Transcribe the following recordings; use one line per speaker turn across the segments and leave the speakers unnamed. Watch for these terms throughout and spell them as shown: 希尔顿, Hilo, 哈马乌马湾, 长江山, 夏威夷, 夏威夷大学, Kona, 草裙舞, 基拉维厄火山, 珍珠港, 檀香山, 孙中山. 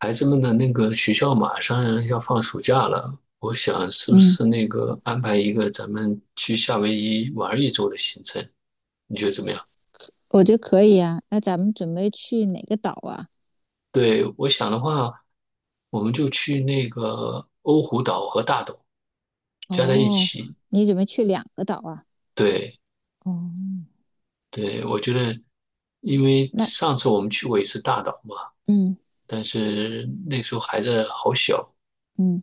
孩子们的那个学校马上要放暑假了，我想是不
嗯，
是那个安排一个咱们去夏威夷玩一周的行程？你觉得怎么样？
我觉得可以啊。那咱们准备去哪个岛啊？
对，我想的话，我们就去那个欧胡岛和大岛加在一
哦，
起。
你准备去两个岛啊？
对，
哦，
对，我觉得，因为
那
上次我们去过一次大岛嘛，
嗯
但是那时候孩子好小，
嗯，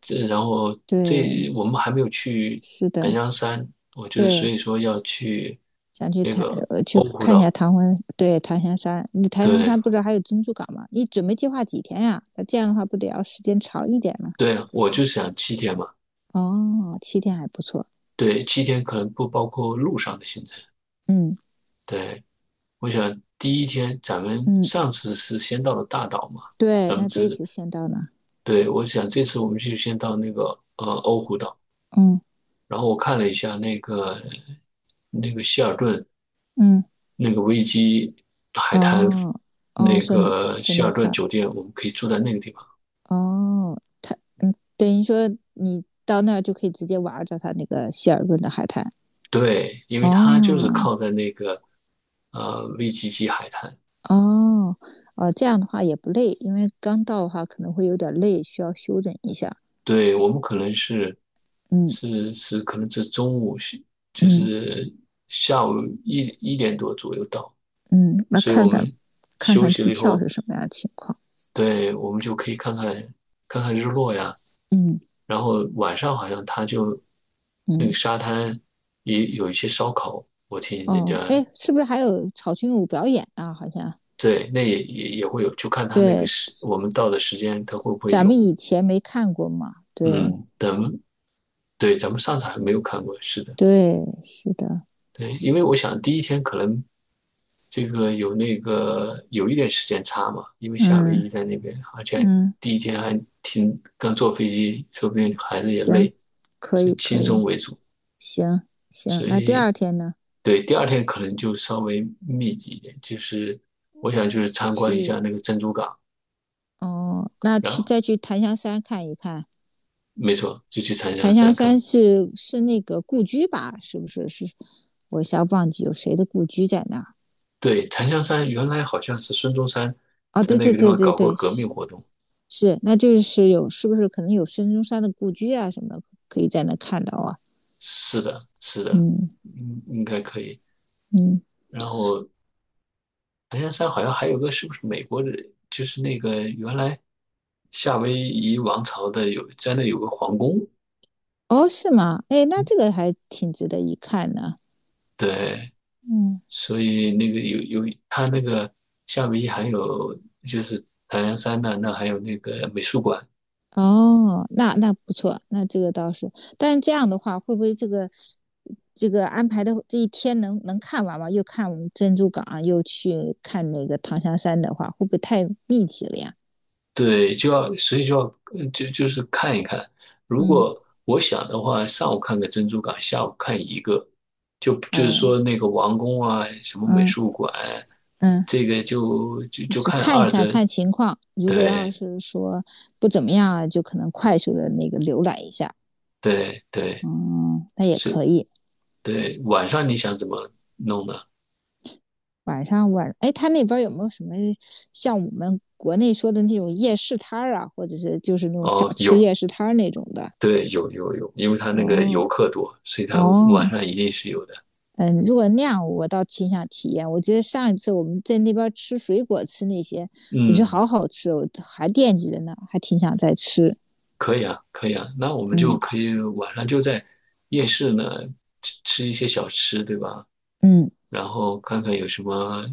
然后
对，
我们还没有
是
去
是
南
的，
洋山，我觉得所
对，
以说要去
想去
那
檀
个
呃去
欧胡
看一下
岛。
唐婚，对，檀香山。你檀香
对
山不是还有珍珠港吗？你准备计划几天呀？那这样的话不得要时间长一点吗？
对，我就想七天嘛。
哦，7天还不错。
对，七天可能不包括路上的行程。
嗯
对，我想第一天咱们
嗯，
上次是先到了大岛嘛，
对，
咱们
那这一
只
次先到哪？
对我想这次我们就先到那个欧胡岛，
嗯
然后我看了一下那个希尔顿。
嗯，
那个维基海滩
哦哦，
那
顺
个
顺
希
那
尔顿
块
酒店，我们可以住在那个地方。
哦，等于说你到那儿就可以直接玩儿着它那个希尔顿的海滩。
对，因为它就是
哦
靠在那个VGG 海滩。
哦哦，这样的话也不累，因为刚到的话可能会有点累，需要休整一下。
对，我们可能是
嗯
是，可能是中午是就
嗯
是下午一点多左右到，
嗯，那
所以我
看看
们
看
休
看
息了
机
以
票
后，
是什么样的情况。
对，我们就可以看看日落呀。
嗯
然后晚上好像他就那个
嗯，
沙滩也有一些烧烤，我听人家
哦，哎，是不是还有草裙舞表演啊？好像
对，那也会有，就看他那个
对，
时我们到的时间，他会不会
咱
有。
们以前没看过嘛。对
嗯，对咱们上次还没有看过，是的。
对，是的。
对，因为我想第一天可能这个有那个有一点时间差嘛，因为夏威
嗯
夷在那边，而且
嗯，
第一天还挺刚坐飞机，说不定孩子也
行，
累，
可
所
以
以轻
可
松
以。
为主。
行行，
所
那第
以
二天呢？
对第二天可能就稍微密集一点，就是我想就是参观一下
去
那个珍珠港，
哦，那
然
去
后
再去檀香山看一看。
没错就去长江
檀香
山看看。
山是那个故居吧？是不是？是，我一下忘记有谁的故居在那儿。
对，檀香山原来好像是孙中山
哦，
在
对
那
对
个地
对
方
对
搞过
对，
革命
是
活动。
是，那就是有，是不是可能有孙中山的故居啊什么的，可以在那看到啊？
是的，是的，
嗯
应该可以。
嗯，
然后檀香山好像还有个是不是美国人？就是那个原来夏威夷王朝的有在那有个皇宫，
哦，是吗？哎，那这个还挺值得一看的。
对，
嗯，
所以那个有它那个夏威夷还有就是檀香山呢，那还有那个美术馆。
哦，那不错，那这个倒是，但是这样的话，会不会这个安排的这一天能看完吗？又看我们珍珠港啊，又去看那个唐香山的话，会不会太密集了呀？
对，就要，所以就要，就是看一看。如
嗯，
果我想的话，上午看个珍珠港，下午看一个，就就是
呃，
说那个王宫啊，什么美
嗯
术馆，
嗯，
这个就
就
看
看一
二
看
者。
看情况，如果要
对
是说不怎么样啊，就可能快速的那个浏览一下，
对对，
嗯，那也可
是，
以。
对。晚上你想怎么弄呢？
晚上，哎，他那边有没有什么像我们国内说的那种夜市摊儿啊，或者是就是那种小
哦，
吃
有，
夜市摊儿那种的？
对，有，因为他那个
哦
游客多，所以他晚
哦，
上一定是有的。
嗯，如果那样，我倒挺想体验。我觉得上一次我们在那边吃水果吃那些，我觉得
嗯。
好好吃哦，我还惦记着呢，还挺想再吃。
可以啊，可以啊，那我们就
嗯
可以晚上就在夜市呢吃一些小吃，对吧？
嗯，
然后看看有什么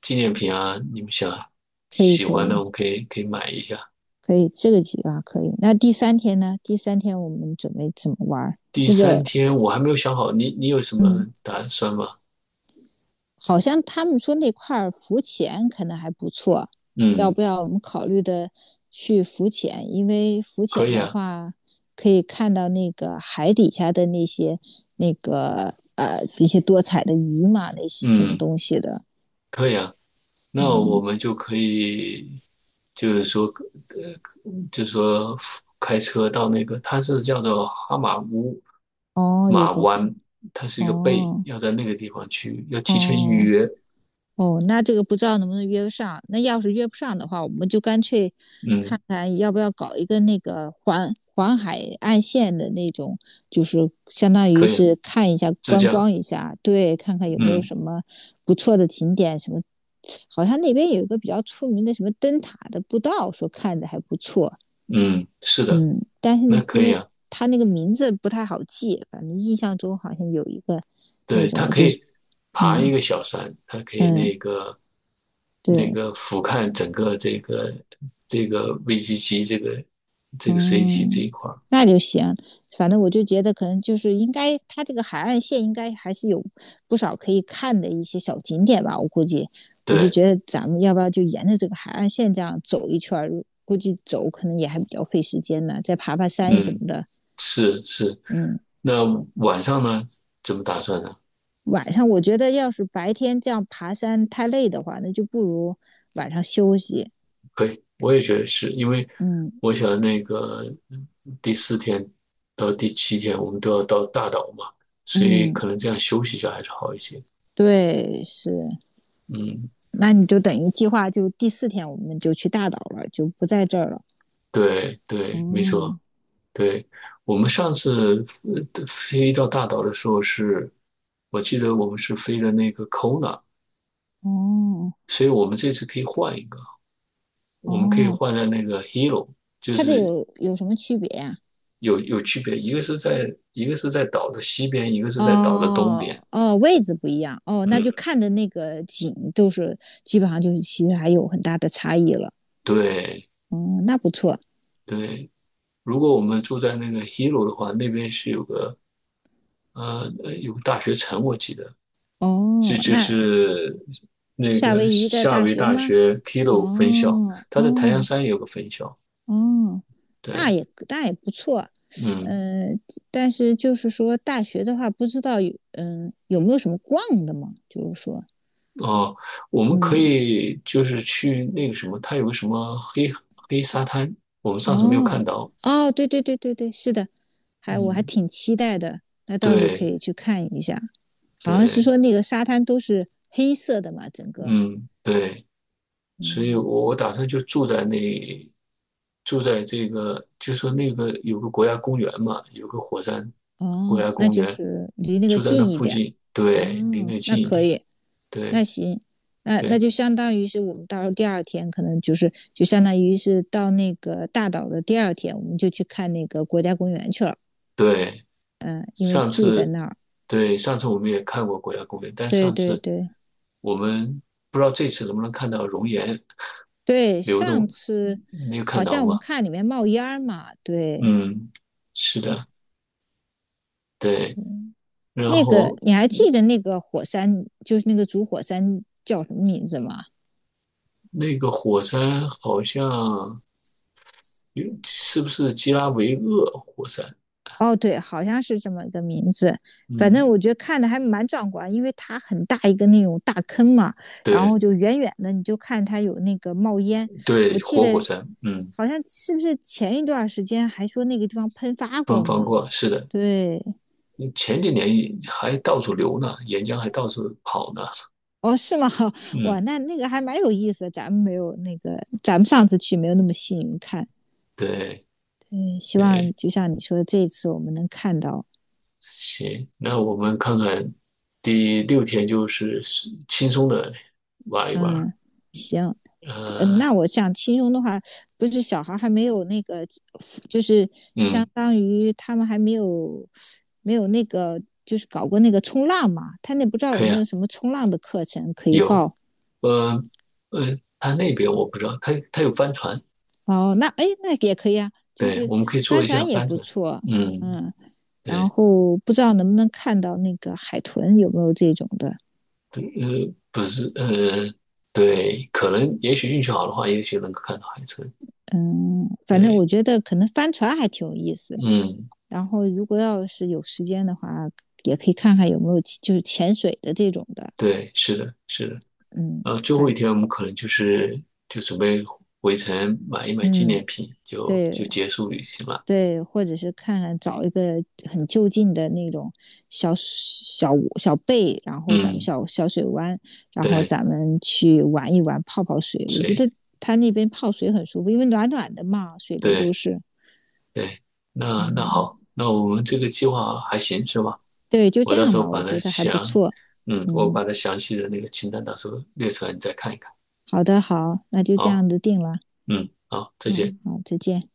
纪念品啊，你们想
可以
喜
可
欢的，
以
我们可以买一下。
可以，这个计划可以。那第三天呢？第三天我们准备怎么玩儿？
第
那
三
个，
天我还没有想好，你有什
嗯。
么打算吗？
好像他们说那块浮潜可能还不错，要
嗯，
不要我们考虑的去浮潜？因为浮
可
潜
以
的
啊，
话，可以看到那个海底下的那些一些多彩的鱼嘛，那些什么
嗯，
东西的。
可以啊。
哦
那我们就可以，就是说，就是说开车到那个，它是叫做哈马乌
哦，有
马
个浮
湾，它是一个贝，
哦
要在那个地方去，要提前预
哦
约。
哦，那这个不知道能不能约上。那要是约不上的话，我们就干脆
嗯，
看看要不要搞一个那个环海岸线的那种，就是相当于
可以啊，
是看一下
自
观
驾。
光一下，对，看看有没有
嗯
什么不错的景点，什么好像那边有一个比较出名的什么灯塔的步道，说看着还不错。
嗯，是的，
嗯，但是
那
因
可以
为
啊。
它那个名字不太好记，反正印象中好像有一个那
对，
种，
它
我
可
就是
以爬一
嗯
个小山，它可以
嗯
那个
对。
俯瞰整个这个VGC 这个city 这一
嗯，
块儿。
那就行。反正我就觉得，可能就是应该，它这个海岸线应该还是有不少可以看的一些小景点吧。我估计，我就
对，
觉得咱们要不要就沿着这个海岸线这样走一圈儿？估计走可能也还比较费时间呢，再爬爬山什么
嗯。
的。
是是，
嗯，
那晚上呢？怎么打算呢？
晚上我觉得要是白天这样爬山太累的话，那就不如晚上休息。
可以，我也觉得是因为
嗯
我想那个第四天到第七天我们都要到大岛嘛，所以
嗯，
可能这样休息一下还是好一些。
对，是。
嗯，
那你就等于计划就第四天我们就去大岛了，就不在这儿了。
对对，没错，
哦
对。我们上次飞到大岛的时候是，我记得我们是飞的那个 Kona，
哦
所以我们这次可以换一个，我们可以
哦，
换在那个 Hilo，就
它这
是
有什么区别呀？
有区别，一个是在一个是在岛的西边，一个是在岛的东边。
哦哦，位置不一样哦，那
嗯，
就看的那个景都是基本上就是其实还有很大的差异了。
对
哦，那不错。
对。如果我们住在那个 Hilo 的话，那边是有个有个大学城，我记得
哦，
这就就
那
是那
夏
个
威夷的
夏
大
威夷
学
大
吗？
学 Hilo 分校，
哦
它在檀香
哦
山也有个分校。
哦，那
对，
也那也不错。
嗯
嗯，但是就是说大学的话，不知道有没有什么逛的嘛？就是说，
哦，我们可
嗯
以就是去那个什么，它有个什么黑沙滩，我们上次没有看
哦，
到。
哦，对对对对对，是的，我还
嗯，
挺期待的，那倒是可
对
以去看一下。好像是
对。
说那个沙滩都是黑色的嘛，整个，
嗯，对，所以
嗯，
我打算就住在那，住在这个，就说那个有个国家公园嘛，有个火山国
哦，
家
那
公
就
园，
是离那个
住在那
近一
附
点，
近，对，离
哦，
那
那
近一
可
点，
以，那
对
行，那
对
就相当于是我们到时候第二天可能就是就相当于是到那个大岛的第二天，我们就去看那个国家公园去了，
对。
嗯，因为
上
住在
次，
那儿，
对，上次我们也看过国家公园，但
对
上
对
次
对。
我们不知道这次能不能看到熔岩
对，
流
上
动，
次
没有看
好
到
像我们
吗？
看里面冒烟儿嘛，对，
嗯，是的，对。
嗯
然
那个
后
你还记得那个火山，就是那个主火山叫什么名字吗？
那个火山好像有是不是基拉维厄火山？
哦，对，好像是这么一个名字。反正
嗯，
我觉得看的还蛮壮观，因为它很大一个那种大坑嘛，然后
对
就远远的你就看它有那个冒烟。
对，
我记
活火
得
山，嗯，
好像是不是前一段时间还说那个地方喷发
不
过
能
了
放
呢？
过。是的，
对，
前几年也还到处流呢，岩浆还到处跑呢。
哦，是吗？
嗯，
哇，那个还蛮有意思的，咱们没有那个，咱们上次去没有那么幸运看。
对
嗯，希望
对，
就像你说的，这一次我们能看到。
行，那我们看看第六天就是是轻松的玩一玩。
嗯，行，嗯，
呃，
那我想亲兄的话，不是小孩儿还没有那个，就是相
嗯，
当于他们还没有那个，就是搞过那个冲浪嘛。他那不知道有
可以
没
啊，
有什么冲浪的课程可以
有，
报。
呃他那边我不知道，他有帆船。
哦，那哎，那也可以啊，就
对，
是
我们可以做
帆
一下
船也
翻
不
转。
错。
嗯，
嗯。然
对，
后不知道能不能看到那个海豚有没有这种的，
不不是，对，可能也许运气好的话，也许能够看到海豚。
嗯，反正
对，
我觉得可能帆船还挺有意思。
嗯，
然后如果要是有时间的话，也可以看看有没有就是潜水的这种的，
对，是的，是的。
嗯，
最后一天我们可能就是就准备回程买一买纪
嗯
念品，就
对
就结束旅行了。
对，或者是看看找一个很就近的那种小小贝，然后咱们
嗯，
小小水湾，然后
对，
咱们去玩一玩泡泡水，我
所
觉
以
得。它那边泡水很舒服，因为暖暖的嘛，水流都
对
是。
对，那那
嗯，
好，那我们这个计划还行是吧？
对，就
我
这
到
样
时候
吧，
把
我
它
觉得还不
详，
错。
嗯，我
嗯，
把它详细的那个清单到时候列出来，你再看一看。
好的，好，那就这
好。
样子定了。
嗯，好，再见。
嗯，好，再见。